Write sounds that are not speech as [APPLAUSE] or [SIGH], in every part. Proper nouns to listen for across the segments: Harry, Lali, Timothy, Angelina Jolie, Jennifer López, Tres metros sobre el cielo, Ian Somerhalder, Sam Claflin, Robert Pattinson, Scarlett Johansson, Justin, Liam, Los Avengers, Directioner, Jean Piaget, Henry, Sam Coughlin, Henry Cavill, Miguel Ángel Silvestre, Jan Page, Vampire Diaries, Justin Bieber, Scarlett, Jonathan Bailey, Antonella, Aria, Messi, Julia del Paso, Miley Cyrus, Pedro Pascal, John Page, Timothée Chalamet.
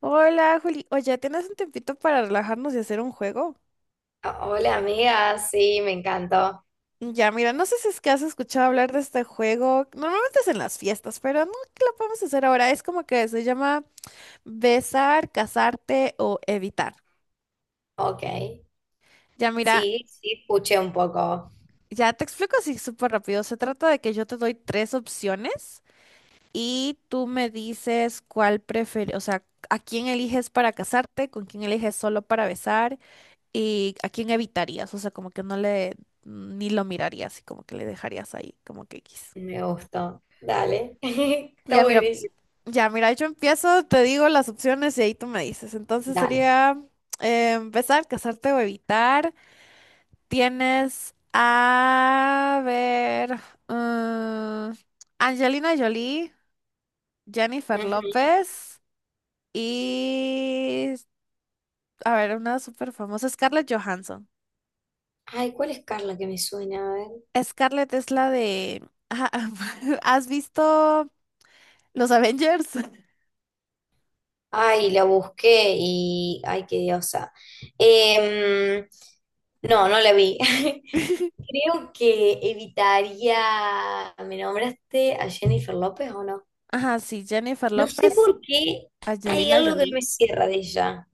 Hola, Juli. Oye, ¿tienes un tiempito para relajarnos y hacer un juego? Hola amiga, sí, me encantó. Ya, mira, no sé si es que has escuchado hablar de este juego. Normalmente es en las fiestas, pero no que lo podemos hacer ahora. Es como que se llama besar, casarte o evitar. Ok, Ya, mira, sí, escuché un poco, ya te explico así súper rápido. Se trata de que yo te doy tres opciones y tú me dices cuál prefieres, o sea, a quién eliges para casarte, con quién eliges solo para besar. ¿Y a quién evitarías? O sea, como que no le, ni lo mirarías y como que le dejarías ahí, como que X. me gustó. Dale, [LAUGHS] está Ya, mira, buenísimo. ya, mira, yo empiezo, te digo las opciones y ahí tú me dices. Entonces Dale. sería empezar, casarte o evitar. Tienes a ver, mm, Angelina Jolie, Jennifer Ujú. López y, a ver, una súper famosa, Scarlett Johansson. Ay, ¿cuál es Carla que me suena? A ver. Scarlett es la de... Ajá, [LAUGHS] ¿has visto Los Avengers? Ay, la busqué y... Ay, qué diosa. Em, no, la vi. [LAUGHS] [LAUGHS] Creo que evitaría... ¿Me nombraste a Jennifer López o no? Ajá, sí, Jennifer No sé López, por qué hay Angelina algo que no me Jolie. cierra de ella.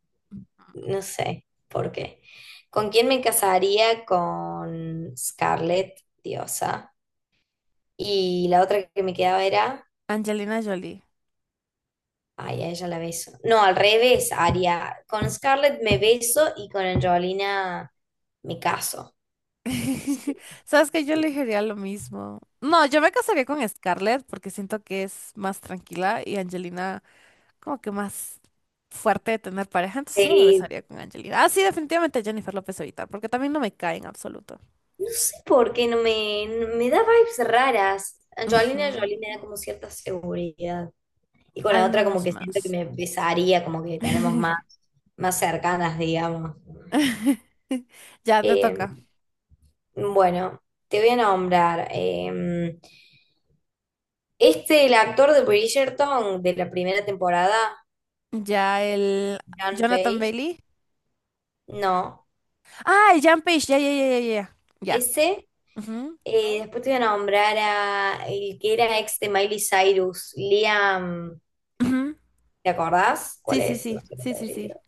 No sé por qué. ¿Con quién me casaría? Con Scarlett, diosa. Y la otra que me quedaba era. Angelina Jolie. Ay, a ella la beso. No, al revés, Aria. Con Scarlett me beso y con Angelina me caso. Sí, [LAUGHS] Sabes que yo sí. elegiría lo mismo. No, yo me casaría con Scarlett porque siento que es más tranquila y Angelina como que más fuerte de tener pareja, entonces solo me Sí, besaría con Angelina. Ah, sí, definitivamente Jennifer López ahorita, porque también no me cae en absoluto. no sé por qué me da vibes raras. Ujú, Angelina Jolie me da como cierta seguridad. Y con la al otra como menos que siento que más. me besaría, como que tenemos más, [LAUGHS] más cercanas, digamos. [LAUGHS] Ya te Eh, toca. bueno, te voy a nombrar. El actor de Bridgerton de la primera temporada, Ya el John Jonathan Page. Bailey. No, Ah, el Jan Page. Ya, ya, ya, ya, ya. Ya. ese. Ujú, Después te voy a nombrar a el que era ex de Miley Cyrus, Liam. ujú. ¿Te acordás cuál Sí, sí, es? sí. No sé el Sí, sí, sí. apellido.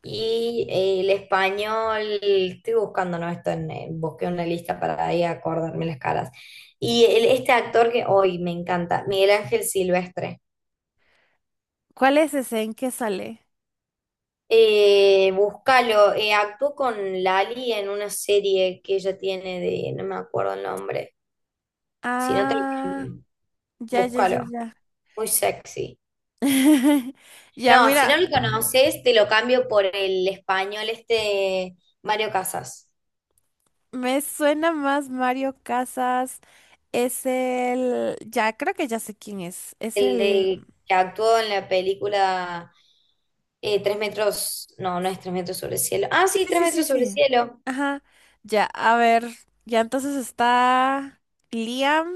Y el español, estoy buscando, ¿no? Esto busqué una lista para ahí acordarme las caras. Este actor que hoy me encanta, Miguel Ángel Silvestre. ¿Cuál es ese? ¿En qué sale? Búscalo, actuó con Lali en una serie que ella tiene de, no me acuerdo el nombre. Si no te lo Ah, cambio, ya, ya, ya, búscalo. ya. Muy sexy. [LAUGHS] Ya, No, si mira, no lo conoces, te lo cambio por el español este Mario Casas. me suena más Mario Casas. Es el. Ya, creo que ya sé quién es. Es El el. de que actuó en la película Tres metros, no, no es Tres metros sobre el cielo. Ah, sí, Sí, Tres sí, sí, metros sobre el sí. cielo. Ajá. Ya, a ver. Ya entonces está Liam,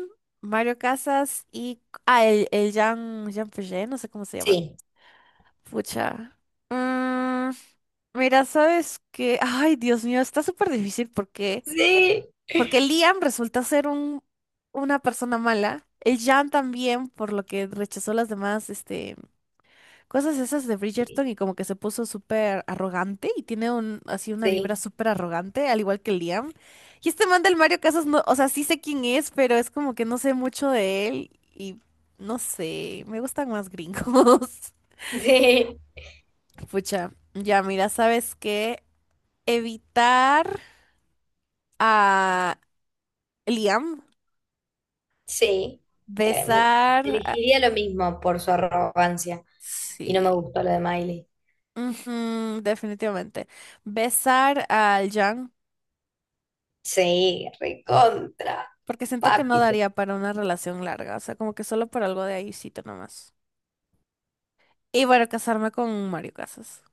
Mario Casas y... Ah, el Jean Piaget, no sé cómo se llama. Sí, Pucha. Mm, mira, ¿sabes qué? Ay, Dios mío, está súper difícil porque... sí, Porque Liam resulta ser una persona mala. El Jean también, por lo que rechazó las demás, este cosas esas de sí, Bridgerton y como que se puso súper arrogante y tiene un, así una sí, vibra súper arrogante, al igual que Liam. Y este man del Mario Casas, no, o sea, sí sé quién es, pero es como que no sé mucho de él y no sé, me gustan más gringos. sí. [LAUGHS] Pucha, ya mira, ¿sabes qué? Evitar a Liam, Sí. Eh, me- besar a... elegiría lo mismo por su arrogancia y no me Sí. gustó lo de Miley. Ujú, definitivamente. Besar al Jan. Sí, recontra, Porque siento que no papi. daría para una relación larga, o sea, como que solo por algo de ahícito nomás. Y bueno, casarme con Mario Casas.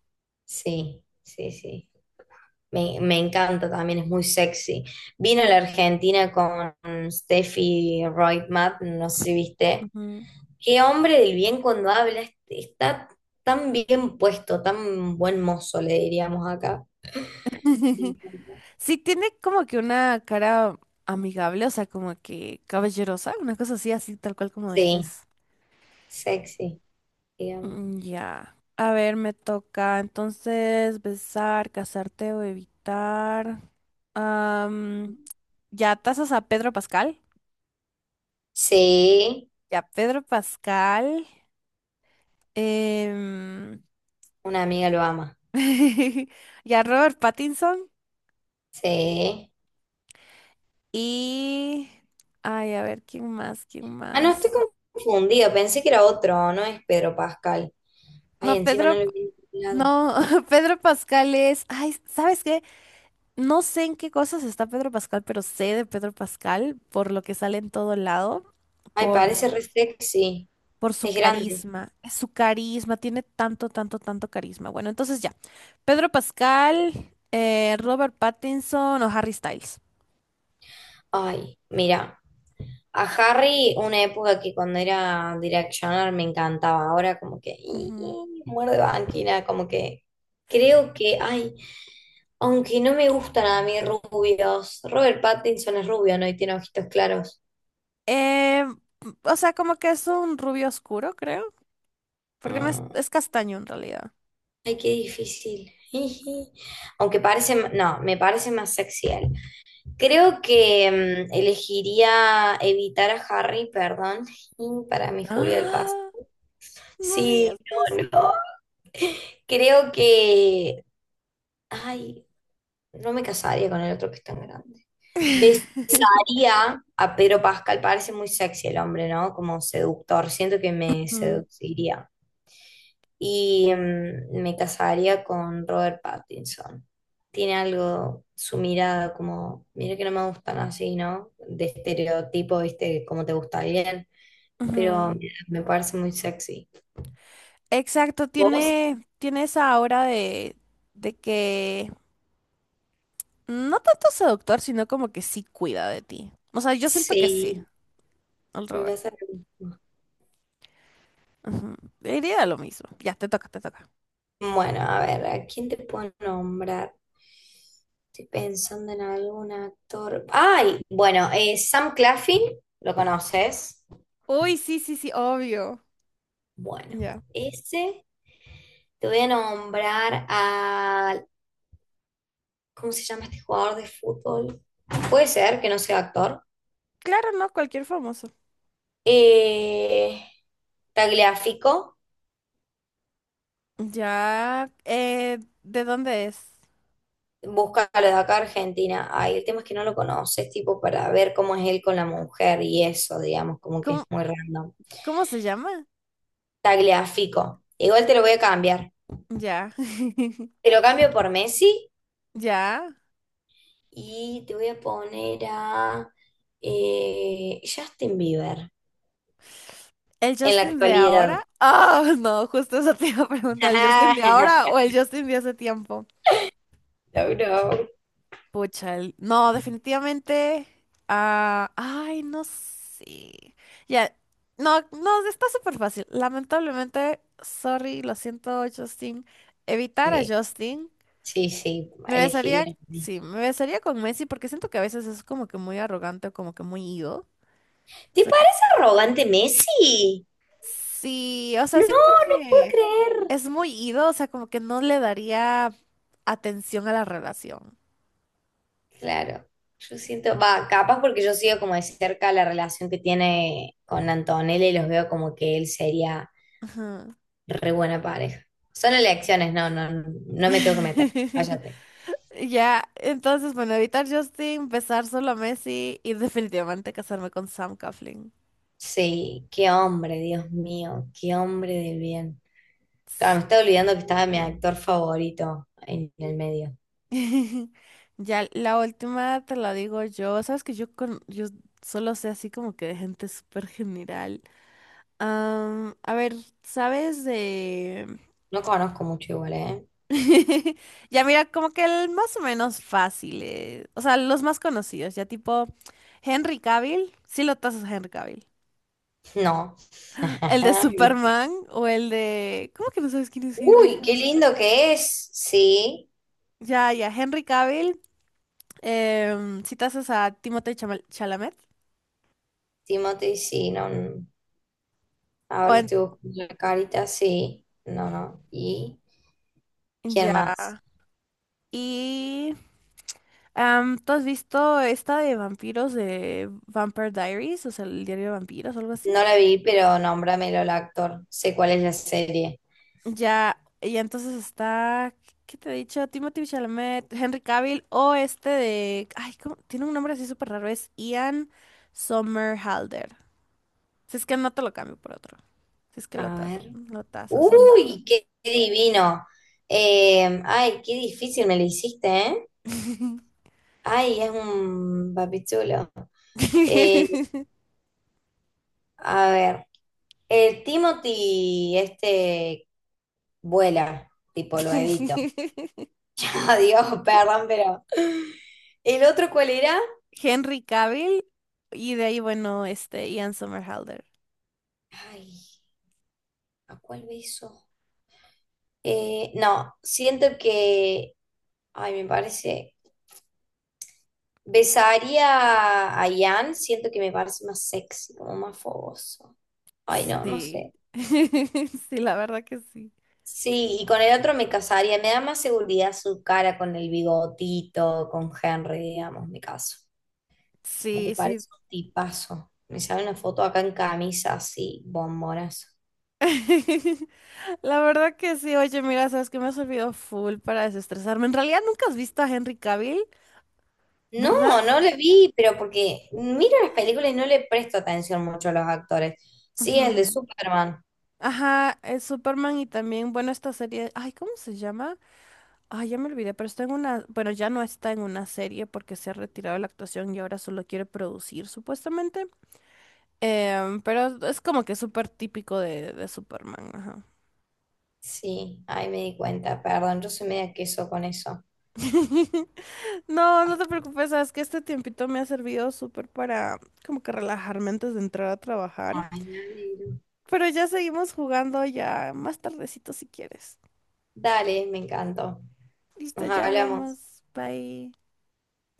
Sí, sí, sí. Me encanta también, es muy sexy. Vino a la Argentina con Steffi Reutemann, no sé si viste. Ujú. Qué hombre del bien cuando habla, está tan bien puesto, tan buen mozo, le diríamos acá. Me [LAUGHS] encanta. Sí, tiene como que una cara amigable, o sea, como que caballerosa, una cosa así, así tal cual como Sí, dices. sexy, digamos. Ya. A ver, me toca entonces besar, casarte o evitar. Am, ya, tasas a Pedro Pascal. Sí, Ya, Pedro Pascal. em, una amiga lo ama. [LAUGHS] Y a Robert Pattinson. Sí. Y. Ay, a ver, ¿quién más? ¿Quién Ah, no, estoy más? confundida, pensé que era otro, no es Pedro Pascal. Ay, No, encima no Pedro. lo he mirado. No, [LAUGHS] Pedro Pascal es. Ay, ¿sabes qué? No sé en qué cosas está Pedro Pascal, pero sé de Pedro Pascal por lo que sale en todo lado, Ay, parece por, re sexy, por su es grande. carisma. Su carisma, tiene tanto, tanto, tanto carisma. Bueno, entonces ya. Pedro Pascal, Robert Pattinson o Harry Styles. Ay, mira. A Harry, una época que cuando era Directioner me encantaba, ahora como que "Ih, Ujú. muerde banquina, como que creo que, ay, aunque no me gustan a mí rubios, Robert Pattinson es rubio, ¿no? Y tiene ojitos claros. Eh, o sea, como que es un rubio oscuro, creo. Porque no es, Mm, es castaño en realidad. Ay, qué difícil. [LAUGHS] Jiji. Aunque parece, ma- no, me parece más sexy él. Creo que elegiría evitar a Harry, perdón, [LAUGHS] para mi Julia del Paso. ¡Ah! No digas Sí, eso. no, no. Creo que ay, no me casaría con el otro que es tan grande. Besaría [LAUGHS] a Pedro Pascal, parece muy sexy el hombre, ¿no? Como seductor, siento que me Ujú, seduciría. Y me casaría con Robert Pattinson. Tiene algo, su mirada como, mira que no me gustan así, ¿no? De estereotipo, ¿viste? Como te gusta bien, pero ujú. me parece muy sexy. Exacto, ¿Vos? tiene esa aura de que no tanto seductor, sino como que sí cuida de ti. O sea, yo siento que sí, Sí, el me Robert. pasa lo mismo. Ujú. Diría lo mismo. Ya, te toca, te toca. Bueno, a ver, ¿a quién te puedo nombrar? Estoy pensando en algún actor. ¡Ay! Bueno, Sam Claflin, ¿lo conoces? Uy, sí, sí, sí, obvio. Bueno, Ya. ese te voy a nombrar a. ¿Cómo se llama este jugador de fútbol? Puede ser que no sea actor. Claro, no, cualquier famoso. Eh, Tagliafico, Ya, ¿de dónde es? búscalo de acá, Argentina. Ay, el tema es que no lo conoces, tipo, para ver cómo es él con la mujer y eso, digamos, como que es ¿Cómo, muy random. cómo se llama? Tagliafico. Igual te lo voy a cambiar. Ya. [LAUGHS] Te lo cambio por Messi Ya. y te voy a poner a Justin Bieber ¿El en la Justin de ahora? actualidad. Ah, [LAUGHS] no, justo eso te iba a preguntar. ¿El Justin de [LAUGHS] No, ahora o el Justin de hace tiempo? no. No, definitivamente. Ah, ay, no sé. Ya. No, no, está súper fácil. Lamentablemente, sorry, lo siento, Justin. Evitar a Sí, Justin. sí, sí, Me besaría, elegiría. A mí. sí, me besaría con Messi porque siento que a veces es como que muy arrogante o como que muy ego. ¿Te parece arrogante Messi? Sí, o sea, No, siento no puedo que creer. es muy ido, o sea, como que no le daría atención a la relación. Claro, yo siento, va, capaz porque yo sigo como de cerca la relación que tiene con Antonella y los veo como que él sería Ajá. re buena pareja. Son elecciones, no me tengo que meter. [LAUGHS] Cállate. Ya, entonces, bueno, evitar Justin, besar solo a Messi y definitivamente casarme con Sam Coughlin. Sí, qué hombre, Dios mío, qué hombre de bien. Claro, me estaba olvidando que estaba mi actor favorito en el medio. Sí. [LAUGHS] Ya, la última te la digo yo. Sabes que yo, con, yo solo sé así como que de gente súper general. A ver, ¿sabes de...? No conozco mucho igual, ¿eh? [LAUGHS] Ya mira, como que el más o menos fácil, o sea, los más conocidos, ya tipo Henry Cavill, sí lo tasas a Henry Cavill. No. El de [LAUGHS] ¿Viste? Superman o el de... ¿Cómo que no sabes quién es Henry Uy, qué Cavill? lindo que es. Sí, Ya, ya, Henry Cavill, si tasas a Timothée Chalamet. Timothy, sí, no. No. Ahora O le en- estoy buscando la carita, sí. No, no. ¿Y quién Ya. más? Y... ¿tú has visto esta de vampiros de Vampire Diaries? O sea, el diario de vampiros o algo así. No la vi, pero nómbramelo el actor. Sé cuál es la serie. Ya, y entonces está, ¿qué te he dicho? Timothy Chalamet, Henry Cavill o este de, ay, ¿cómo? Tiene un nombre así súper raro, es Ian Somerhalder. Si es que no te lo cambio por otro. Si es que A ver. lo tasas o no. ¡Uy! ¡Qué divino! Ay, qué difícil me lo hiciste, ¿eh? Ay, es un papichulo. Eh, [LAUGHS] a ver. El Timothy, este, vuela, tipo lo evito. [LAUGHS] Adiós, perdón, pero. ¿El otro cuál era? Henry Cavill y de ahí, bueno, este Ian Somerhalder. Ay, ¿a cuál beso? No, siento que, ay, me parece, besaría a Ian, siento que me parece más sexy, como más fogoso. Ay, no, no Sí. sé. [LAUGHS] Sí, la verdad que sí. Sí, y con el otro me casaría, me da más seguridad su cara con el bigotito, con Henry, digamos, me caso. Como que Sí, sí. parece un tipazo. Me sale una foto acá en camisa, así, bombonas. [LAUGHS] La verdad que sí, oye, mira, sabes que me ha servido full para desestresarme. En realidad nunca has visto a Henry Cavill, No, ¿verdad? no le vi, pero porque miro las películas y no le presto atención mucho a los actores. Sí, el de Ujú. Superman. Ajá, es Superman y también, bueno, esta serie, ay, ¿cómo se llama? Ay, ya me olvidé, pero está en una, bueno, ya no está en una serie porque se ha retirado de la actuación y ahora solo quiere producir, supuestamente. Pero es como que súper típico de Superman, ajá. Sí, ahí me di cuenta, perdón, yo soy media queso con eso. [LAUGHS] No, no Ah, te preocupes, sabes que este tiempito me ha servido súper para como que relajarme antes de entrar a trabajar. ay, me alegro. Pero ya seguimos jugando ya más tardecito si quieres. Dale, me encantó. Listo, Nos ya hablamos. hablamos. Bye.